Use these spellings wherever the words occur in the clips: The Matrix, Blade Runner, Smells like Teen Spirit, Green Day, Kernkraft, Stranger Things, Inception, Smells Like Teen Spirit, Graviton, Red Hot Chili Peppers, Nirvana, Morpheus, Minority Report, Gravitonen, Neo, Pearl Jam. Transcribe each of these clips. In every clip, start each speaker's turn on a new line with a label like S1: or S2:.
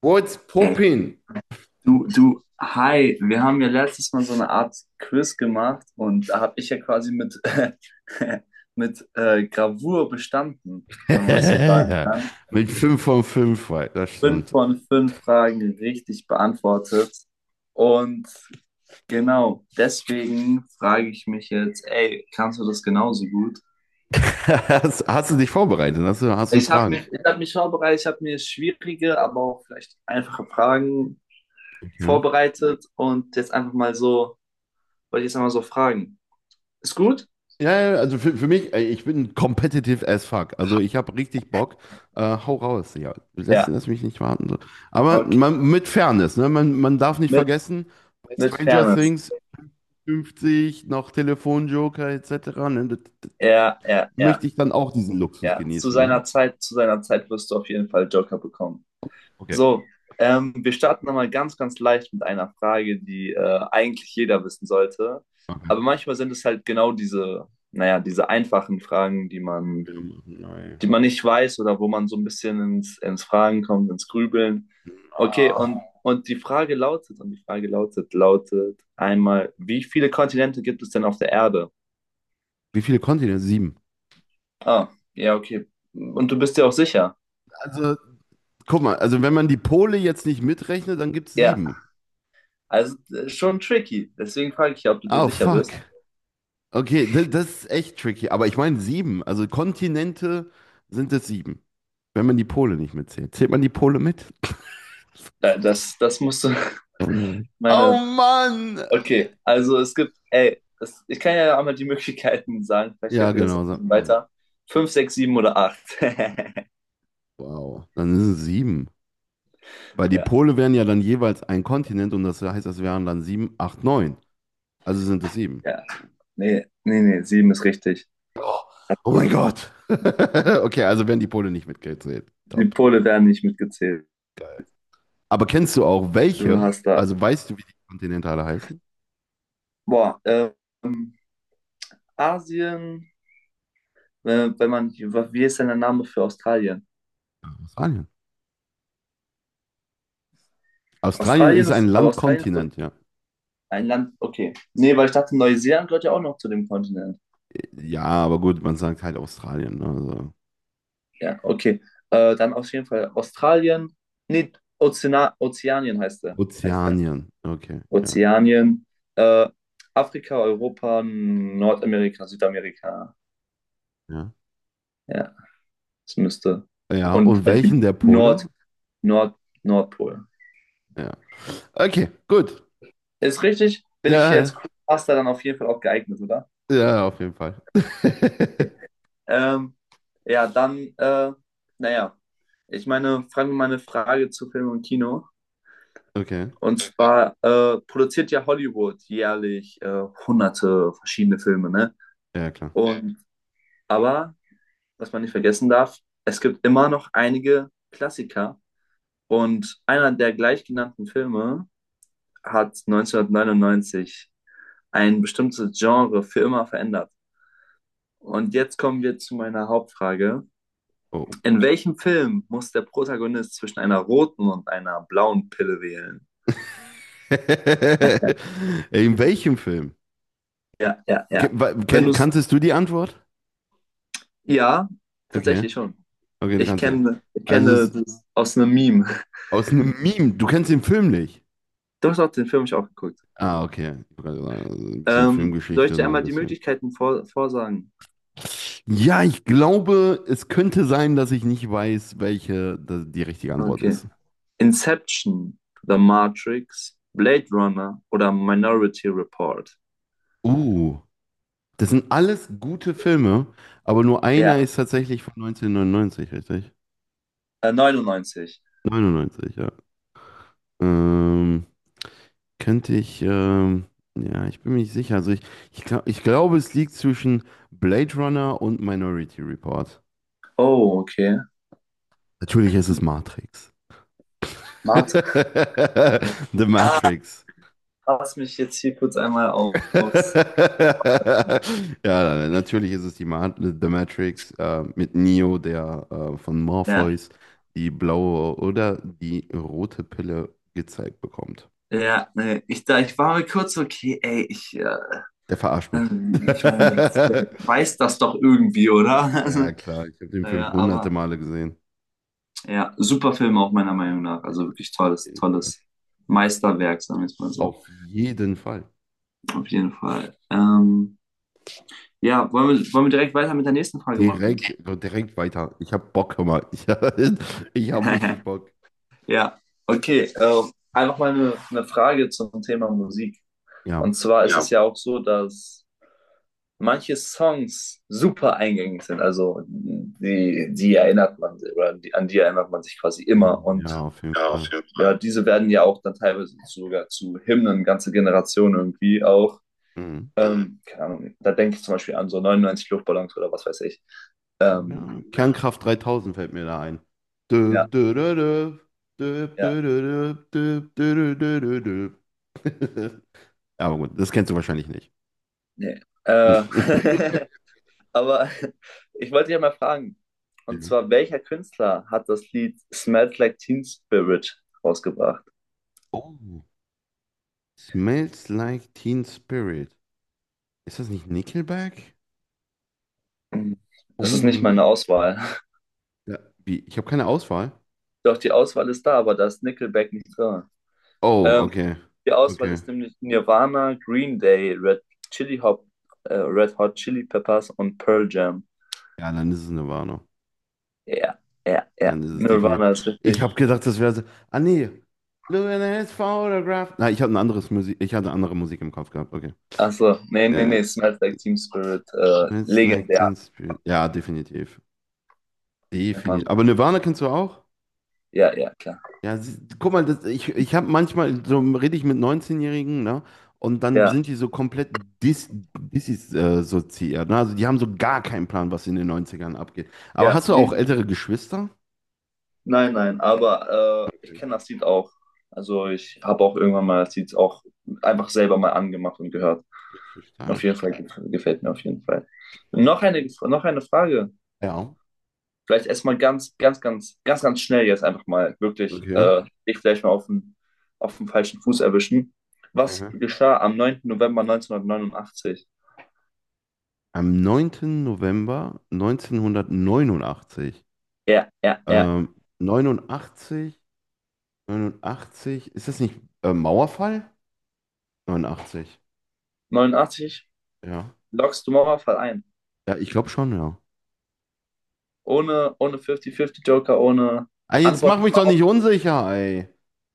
S1: What's
S2: Ey,
S1: poppin?
S2: du, hi, wir haben ja letztes Mal so eine Art Quiz gemacht und da habe ich ja quasi mit Gravur bestanden, wenn man es so sagen
S1: Ja,
S2: kann.
S1: mit 5 von 5, das
S2: Fünf
S1: stimmt.
S2: von fünf Fragen richtig beantwortet. Und genau, deswegen frage ich mich jetzt, ey, kannst du das genauso gut?
S1: Hast du dich vorbereitet? Hast du
S2: Ich habe
S1: Fragen?
S2: mich, ich hab mich vorbereitet, ich habe mir schwierige, aber auch vielleicht einfache Fragen
S1: Okay.
S2: vorbereitet und jetzt einfach mal so, wollte ich jetzt einmal so fragen. Ist gut?
S1: Ja, ja, also für mich, ich bin competitive as fuck. Also ich habe richtig Bock. Hau raus, ja. Lass,
S2: Ja,
S1: lass mich nicht warten. So. Aber
S2: okay.
S1: man, mit Fairness, ne? Man darf nicht
S2: Mit,
S1: vergessen, bei
S2: mit
S1: Stranger
S2: Fairness.
S1: Things 50, noch Telefonjoker etc. Ne?
S2: Ja, ja, ja,
S1: Möchte ich dann auch diesen Luxus
S2: ja. Zu
S1: genießen, ja?
S2: seiner Zeit, zu seiner Zeit wirst du auf jeden Fall Joker bekommen.
S1: Okay.
S2: So, wir starten nochmal ganz, ganz leicht mit einer Frage, die eigentlich jeder wissen sollte.
S1: Okay.
S2: Aber manchmal sind es halt genau naja, diese einfachen Fragen, die man,
S1: Nein.
S2: die man nicht weiß oder wo man so ein bisschen ins Fragen kommt, ins Grübeln. Okay, und die Frage lautet einmal, wie viele Kontinente gibt es denn auf der Erde?
S1: Wie viele Kontinente? Sieben.
S2: Ah, ja, okay. Und du bist dir auch sicher?
S1: Also, guck mal, also wenn man die Pole jetzt nicht mitrechnet, dann gibt's
S2: Ja,
S1: sieben.
S2: also schon tricky. Deswegen frage ich ja, ob du dir
S1: Oh,
S2: sicher
S1: fuck.
S2: bist.
S1: Okay, das ist echt tricky. Aber ich meine sieben. Also Kontinente sind es sieben. Wenn man die Pole nicht mitzählt. Zählt man die Pole mit?
S2: Das musst du.
S1: Oh
S2: Meine.
S1: Mann!
S2: Okay, also es gibt, ey, das, ich kann ja einmal die Möglichkeiten sagen. Vielleicht
S1: Ja,
S2: hilft dir das ja
S1: genau.
S2: ein bisschen
S1: Ja.
S2: weiter. Fünf, sechs, sieben oder acht.
S1: Wow. Dann sind es sieben. Weil die
S2: Ja,
S1: Pole wären ja dann jeweils ein Kontinent und das heißt, das wären dann sieben, acht, neun. Also sind es sieben.
S2: ja. Nee, nee, nee, sieben ist richtig.
S1: Oh, oh mein
S2: So.
S1: Gott. Okay, also werden die Pole nicht mitgezählt.
S2: Die
S1: Top.
S2: Pole werden nicht mitgezählt.
S1: Aber kennst du auch
S2: Du
S1: welche?
S2: hast da.
S1: Also weißt du, wie die Kontinente alle heißen?
S2: Boah, Asien, wenn man, wie ist denn der Name für Australien?
S1: Australien. Australien
S2: Australien
S1: ist ein
S2: ist, aber Australien ist doch
S1: Landkontinent, ja.
S2: ein Land, okay. Nee, weil ich dachte, Neuseeland gehört ja auch noch zu dem Kontinent.
S1: Ja, aber gut, man sagt halt Australien, ne? Also
S2: Ja, okay. Dann auf jeden Fall Australien. Nee, Ozeana Ozeanien heißt er. Heißt er.
S1: Ozeanien. Okay, ja,
S2: Ozeanien. Äh, Afrika, Europa, Nordamerika, Südamerika.
S1: ja.
S2: Ja, das müsste.
S1: Ja,
S2: Und
S1: und
S2: halt die
S1: welchen der
S2: Nord,
S1: Pole?
S2: Nord, Nordpol.
S1: Ja. Okay, gut.
S2: Ist richtig? Bin ich hier
S1: Ja,
S2: als Crewmaster dann auf jeden Fall auch geeignet, oder?
S1: ja, auf jeden Fall.
S2: Ähm, ja, dann, naja, ich meine, fragen wir mal eine Frage zu Film und Kino.
S1: Okay,
S2: Und zwar produziert ja Hollywood jährlich hunderte verschiedene Filme, ne?
S1: ja, klar.
S2: Und aber, was man nicht vergessen darf, es gibt immer noch einige Klassiker. Und einer der gleichgenannten Filme hat 1999 ein bestimmtes Genre für immer verändert. Und jetzt kommen wir zu meiner Hauptfrage.
S1: Oh.
S2: In welchem Film muss der Protagonist zwischen einer roten und einer blauen Pille wählen?
S1: In welchem Film?
S2: Ja, ja, ja. Wenn du es.
S1: Kanntest du die Antwort?
S2: Ja,
S1: Okay,
S2: tatsächlich schon.
S1: okay, du
S2: Ich
S1: kannst ja.
S2: kenne, ich
S1: Also
S2: kenne
S1: es,
S2: das aus einem Meme.
S1: Aus einem Meme. Du kennst den Film nicht.
S2: Du hast auch den Film ich auch geguckt.
S1: Ah, okay. Ich wollte gerade sagen, also ein bisschen
S2: Soll ich
S1: Filmgeschichte,
S2: dir
S1: noch ein
S2: einmal die
S1: bisschen.
S2: Möglichkeiten vorsagen?
S1: Ja, ich glaube, es könnte sein, dass ich nicht weiß, welche die richtige Antwort
S2: Okay.
S1: ist.
S2: Inception, The Matrix, Blade Runner oder Minority Report?
S1: Uh, Das sind alles gute Filme, aber nur
S2: Ja,
S1: einer ist tatsächlich von 1999, richtig?
S2: 99.
S1: 99, ja. Ähm, könnte ich, ähm, ja, ich bin mir nicht sicher. Also ich glaube, es liegt zwischen Blade Runner und Minority Report.
S2: Oh, okay.
S1: Natürlich ist es Matrix.
S2: Warte.
S1: The
S2: Ah,
S1: Matrix.
S2: lass mich jetzt hier kurz einmal aufs.
S1: Ja, natürlich ist es die Ma The Matrix mit Neo, der von
S2: Ja,
S1: Morpheus die blaue oder die rote Pille gezeigt bekommt.
S2: ja, nee, ich war mir kurz so, okay, ey,
S1: Der verarscht mich.
S2: ich meine, der weiß das doch irgendwie, oder? Also,
S1: Ja, klar, ich habe den Film
S2: naja,
S1: hunderte
S2: aber
S1: Male gesehen.
S2: ja, super Film auch meiner Meinung nach. Also wirklich tolles, tolles Meisterwerk, sagen wir es mal so.
S1: Auf jeden Fall.
S2: Auf jeden Fall. Ja, wollen wir direkt weiter mit der nächsten Frage machen?
S1: Direkt weiter. Ich habe Bock, hör mal. Ich, ich habe richtig Bock.
S2: Ja, okay. Einfach mal eine Frage zum Thema Musik.
S1: Ja.
S2: Und zwar ist, ja, es ja auch so, dass manche Songs super eingängig sind. Also die, die erinnert man oder die, an die erinnert man sich quasi immer. Und,
S1: Ja, auf jeden
S2: ja, auf
S1: Fall.
S2: jeden Fall, ja, diese werden ja auch dann teilweise sogar zu Hymnen, ganze Generationen irgendwie auch.
S1: Mhm.
S2: Mhm. Keine Ahnung, da denke ich zum Beispiel an so 99 Luftballons oder was weiß ich. Ähm,
S1: Ja, Kernkraft 3000 fällt mir da ein.
S2: Ja, ja,
S1: Düb, dü, dü, dü, düb,
S2: ja,
S1: dü, dü, dü, düb, dü, dü, dü, dü, dü. Ja, aber gut, das kennst du wahrscheinlich nicht.
S2: nee. Aber ich wollte dich ja mal fragen, und
S1: Mhm.
S2: zwar, welcher Künstler hat das Lied Smells Like Teen Spirit rausgebracht?
S1: Oh. Smells Like Teen Spirit. Ist das nicht Nickelback?
S2: Mhm.
S1: Oh
S2: Das ist nicht
S1: mein
S2: meine Auswahl.
S1: Gott. Ja, wie? Ich habe keine Auswahl.
S2: Doch, die Auswahl ist da, aber da ist Nickelback nicht drin.
S1: Oh,
S2: Ähm,
S1: okay.
S2: die Auswahl
S1: Okay.
S2: ist nämlich Nirvana, Green Day, Chili Hop, Red Hot Chili Peppers und Pearl Jam.
S1: Ja, dann ist es eine Warnung.
S2: Ja, ja, ja.
S1: Dann ist es definitiv.
S2: Nirvana ist
S1: Ich habe
S2: richtig.
S1: gedacht, das wäre so. Ah, nee. Look at his photograph. Na, ich hatte ein anderes Musik. Ich hatte andere Musik im Kopf gehabt. Okay.
S2: Achso, nee, nee,
S1: Äh,
S2: nee. Smells Like Teen Spirit,
S1: It's Like Teen
S2: legendär.
S1: Spirit. Ja, definitiv.
S2: Kennt man.
S1: Definitiv. Aber Nirvana kennst du auch?
S2: Ja, ja, klar.
S1: Ja, guck mal, ich habe manchmal, so rede ich mit 19-Jährigen, ne? Und dann
S2: Ja,
S1: sind die so komplett dis, dissoziiert, ne? Also die haben so gar keinen Plan, was in den Neunzigern abgeht. Aber
S2: ja.
S1: hast du auch ältere Geschwister?
S2: Nein, nein, aber ich
S1: Okay,
S2: kenne das Lied auch. Also ich habe auch irgendwann mal das Lied auch einfach selber mal angemacht und gehört.
S1: wirklich
S2: Auf
S1: stark.
S2: jeden Fall gefällt mir auf jeden Fall. Noch eine Frage.
S1: Ja,
S2: Vielleicht erstmal ganz, ganz, ganz, ganz, ganz schnell jetzt einfach mal wirklich
S1: okay.
S2: dich vielleicht mal auf den falschen Fuß erwischen. Was
S1: Mhm.
S2: geschah am 9. November 1989?
S1: Am 9. November 1989,
S2: Ja, ja, ja.
S1: ähm, 89 89, ist das nicht Mauerfall? 89,
S2: 89.
S1: ja.
S2: Lockst du Mauerfall ein.
S1: Ja, ich glaube schon, ja.
S2: Ohne 50-50 Joker, ohne
S1: Ah, jetzt
S2: Antwort
S1: mach mich doch
S2: überhaupt.
S1: nicht unsicher, ey.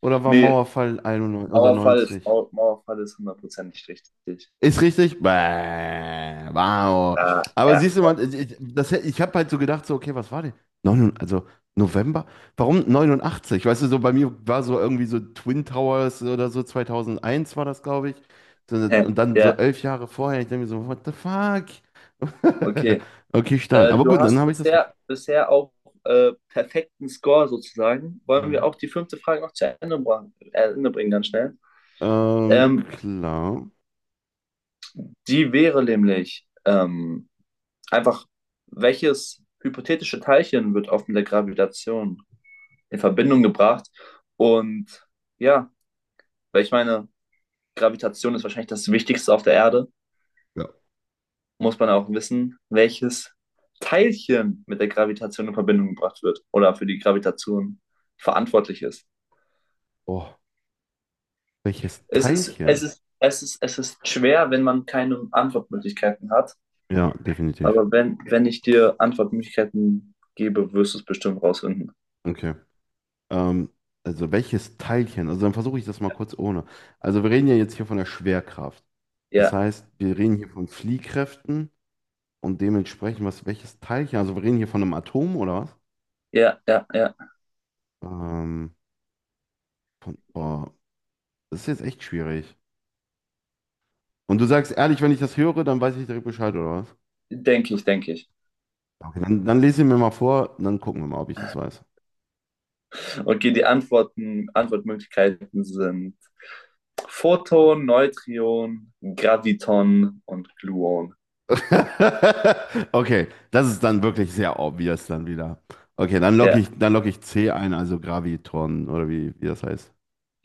S1: Oder war
S2: Nee,
S1: Mauerfall 91 oder 90?
S2: Mauerfall ist hundertprozentig richtig.
S1: Ist richtig? Bäh, wow.
S2: Ah,
S1: Aber
S2: ja,
S1: siehst du mal, ich habe halt so gedacht, so, okay, was war denn? Also November? Warum 89. Weißt du, so bei mir war so irgendwie so Twin Towers oder so, 2001 war das, glaube ich. So, und dann so
S2: ja,
S1: 11 Jahre vorher, ich denke mir so, what the fuck?
S2: okay.
S1: Okay, stark.
S2: Äh,
S1: Aber
S2: du
S1: gut, dann
S2: hast
S1: habe ich das richtig.
S2: bisher auch perfekten Score sozusagen. Wollen wir
S1: Mhm.
S2: auch die fünfte Frage noch zu Ende bringen, ganz schnell? Ähm,
S1: Klar.
S2: die wäre nämlich einfach, welches hypothetische Teilchen wird oft mit der Gravitation in Verbindung gebracht? Und ja, weil ich meine, Gravitation ist wahrscheinlich das Wichtigste auf der Erde.
S1: Ja.
S2: Muss man auch wissen, welches Teilchen mit der Gravitation in Verbindung gebracht wird oder für die Gravitation verantwortlich ist.
S1: Oh, welches
S2: Es ist, es
S1: Teilchen?
S2: ist, es ist, es ist schwer, wenn man keine Antwortmöglichkeiten hat.
S1: Ja, definitiv.
S2: Aber wenn ich dir Antwortmöglichkeiten gebe, wirst du es bestimmt rausfinden.
S1: Okay. Ähm, also welches Teilchen? Also dann versuche ich das mal kurz ohne. Also wir reden ja jetzt hier von der Schwerkraft. Das
S2: Ja,
S1: heißt, wir reden hier von Fliehkräften und dementsprechend, welches Teilchen? Also wir reden hier von einem Atom oder was?
S2: ja, ja, ja.
S1: Ähm, boah, das ist jetzt echt schwierig. Und du sagst ehrlich, wenn ich das höre, dann weiß ich direkt Bescheid oder was?
S2: Denke ich, denke ich.
S1: Okay, dann lese ich mir mal vor, dann gucken wir mal, ob ich das weiß.
S2: Okay, die Antwortmöglichkeiten sind Photon, Neutron, Graviton und Gluon.
S1: Okay, das ist dann wirklich sehr obvious dann wieder. Okay, dann locke
S2: Ja,
S1: ich, dann locke ich C ein, also Gravitoren oder wie das heißt.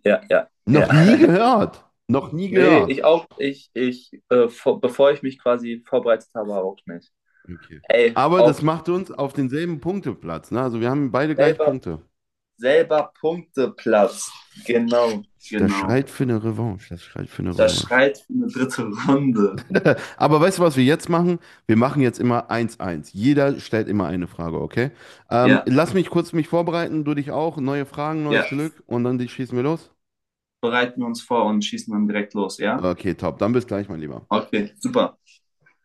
S2: ja, ja, ja.
S1: Noch nie gehört. Noch nie
S2: Nee, ich
S1: gehört.
S2: auch, bevor ich mich quasi vorbereitet habe, auch nicht.
S1: Okay.
S2: Ey,
S1: Aber
S2: auch
S1: das macht uns auf denselben Punkteplatz. Ne? Also wir haben beide gleich
S2: selber,
S1: Punkte.
S2: selber Punkteplatz. Genau,
S1: Das
S2: genau.
S1: schreit für eine Revanche. Das schreit für eine
S2: Das
S1: Revanche.
S2: schreit für eine dritte Runde.
S1: Aber weißt du, was wir jetzt machen? Wir machen jetzt immer eins eins. Jeder stellt immer eine Frage, okay?
S2: Ja,
S1: Lass mich kurz mich vorbereiten, du dich auch. Neue Fragen, neues
S2: ja.
S1: Glück und dann schießen wir los.
S2: Bereiten wir uns vor und schießen dann direkt los, ja?
S1: Okay, top. Dann bis gleich, mein Lieber.
S2: Okay, super.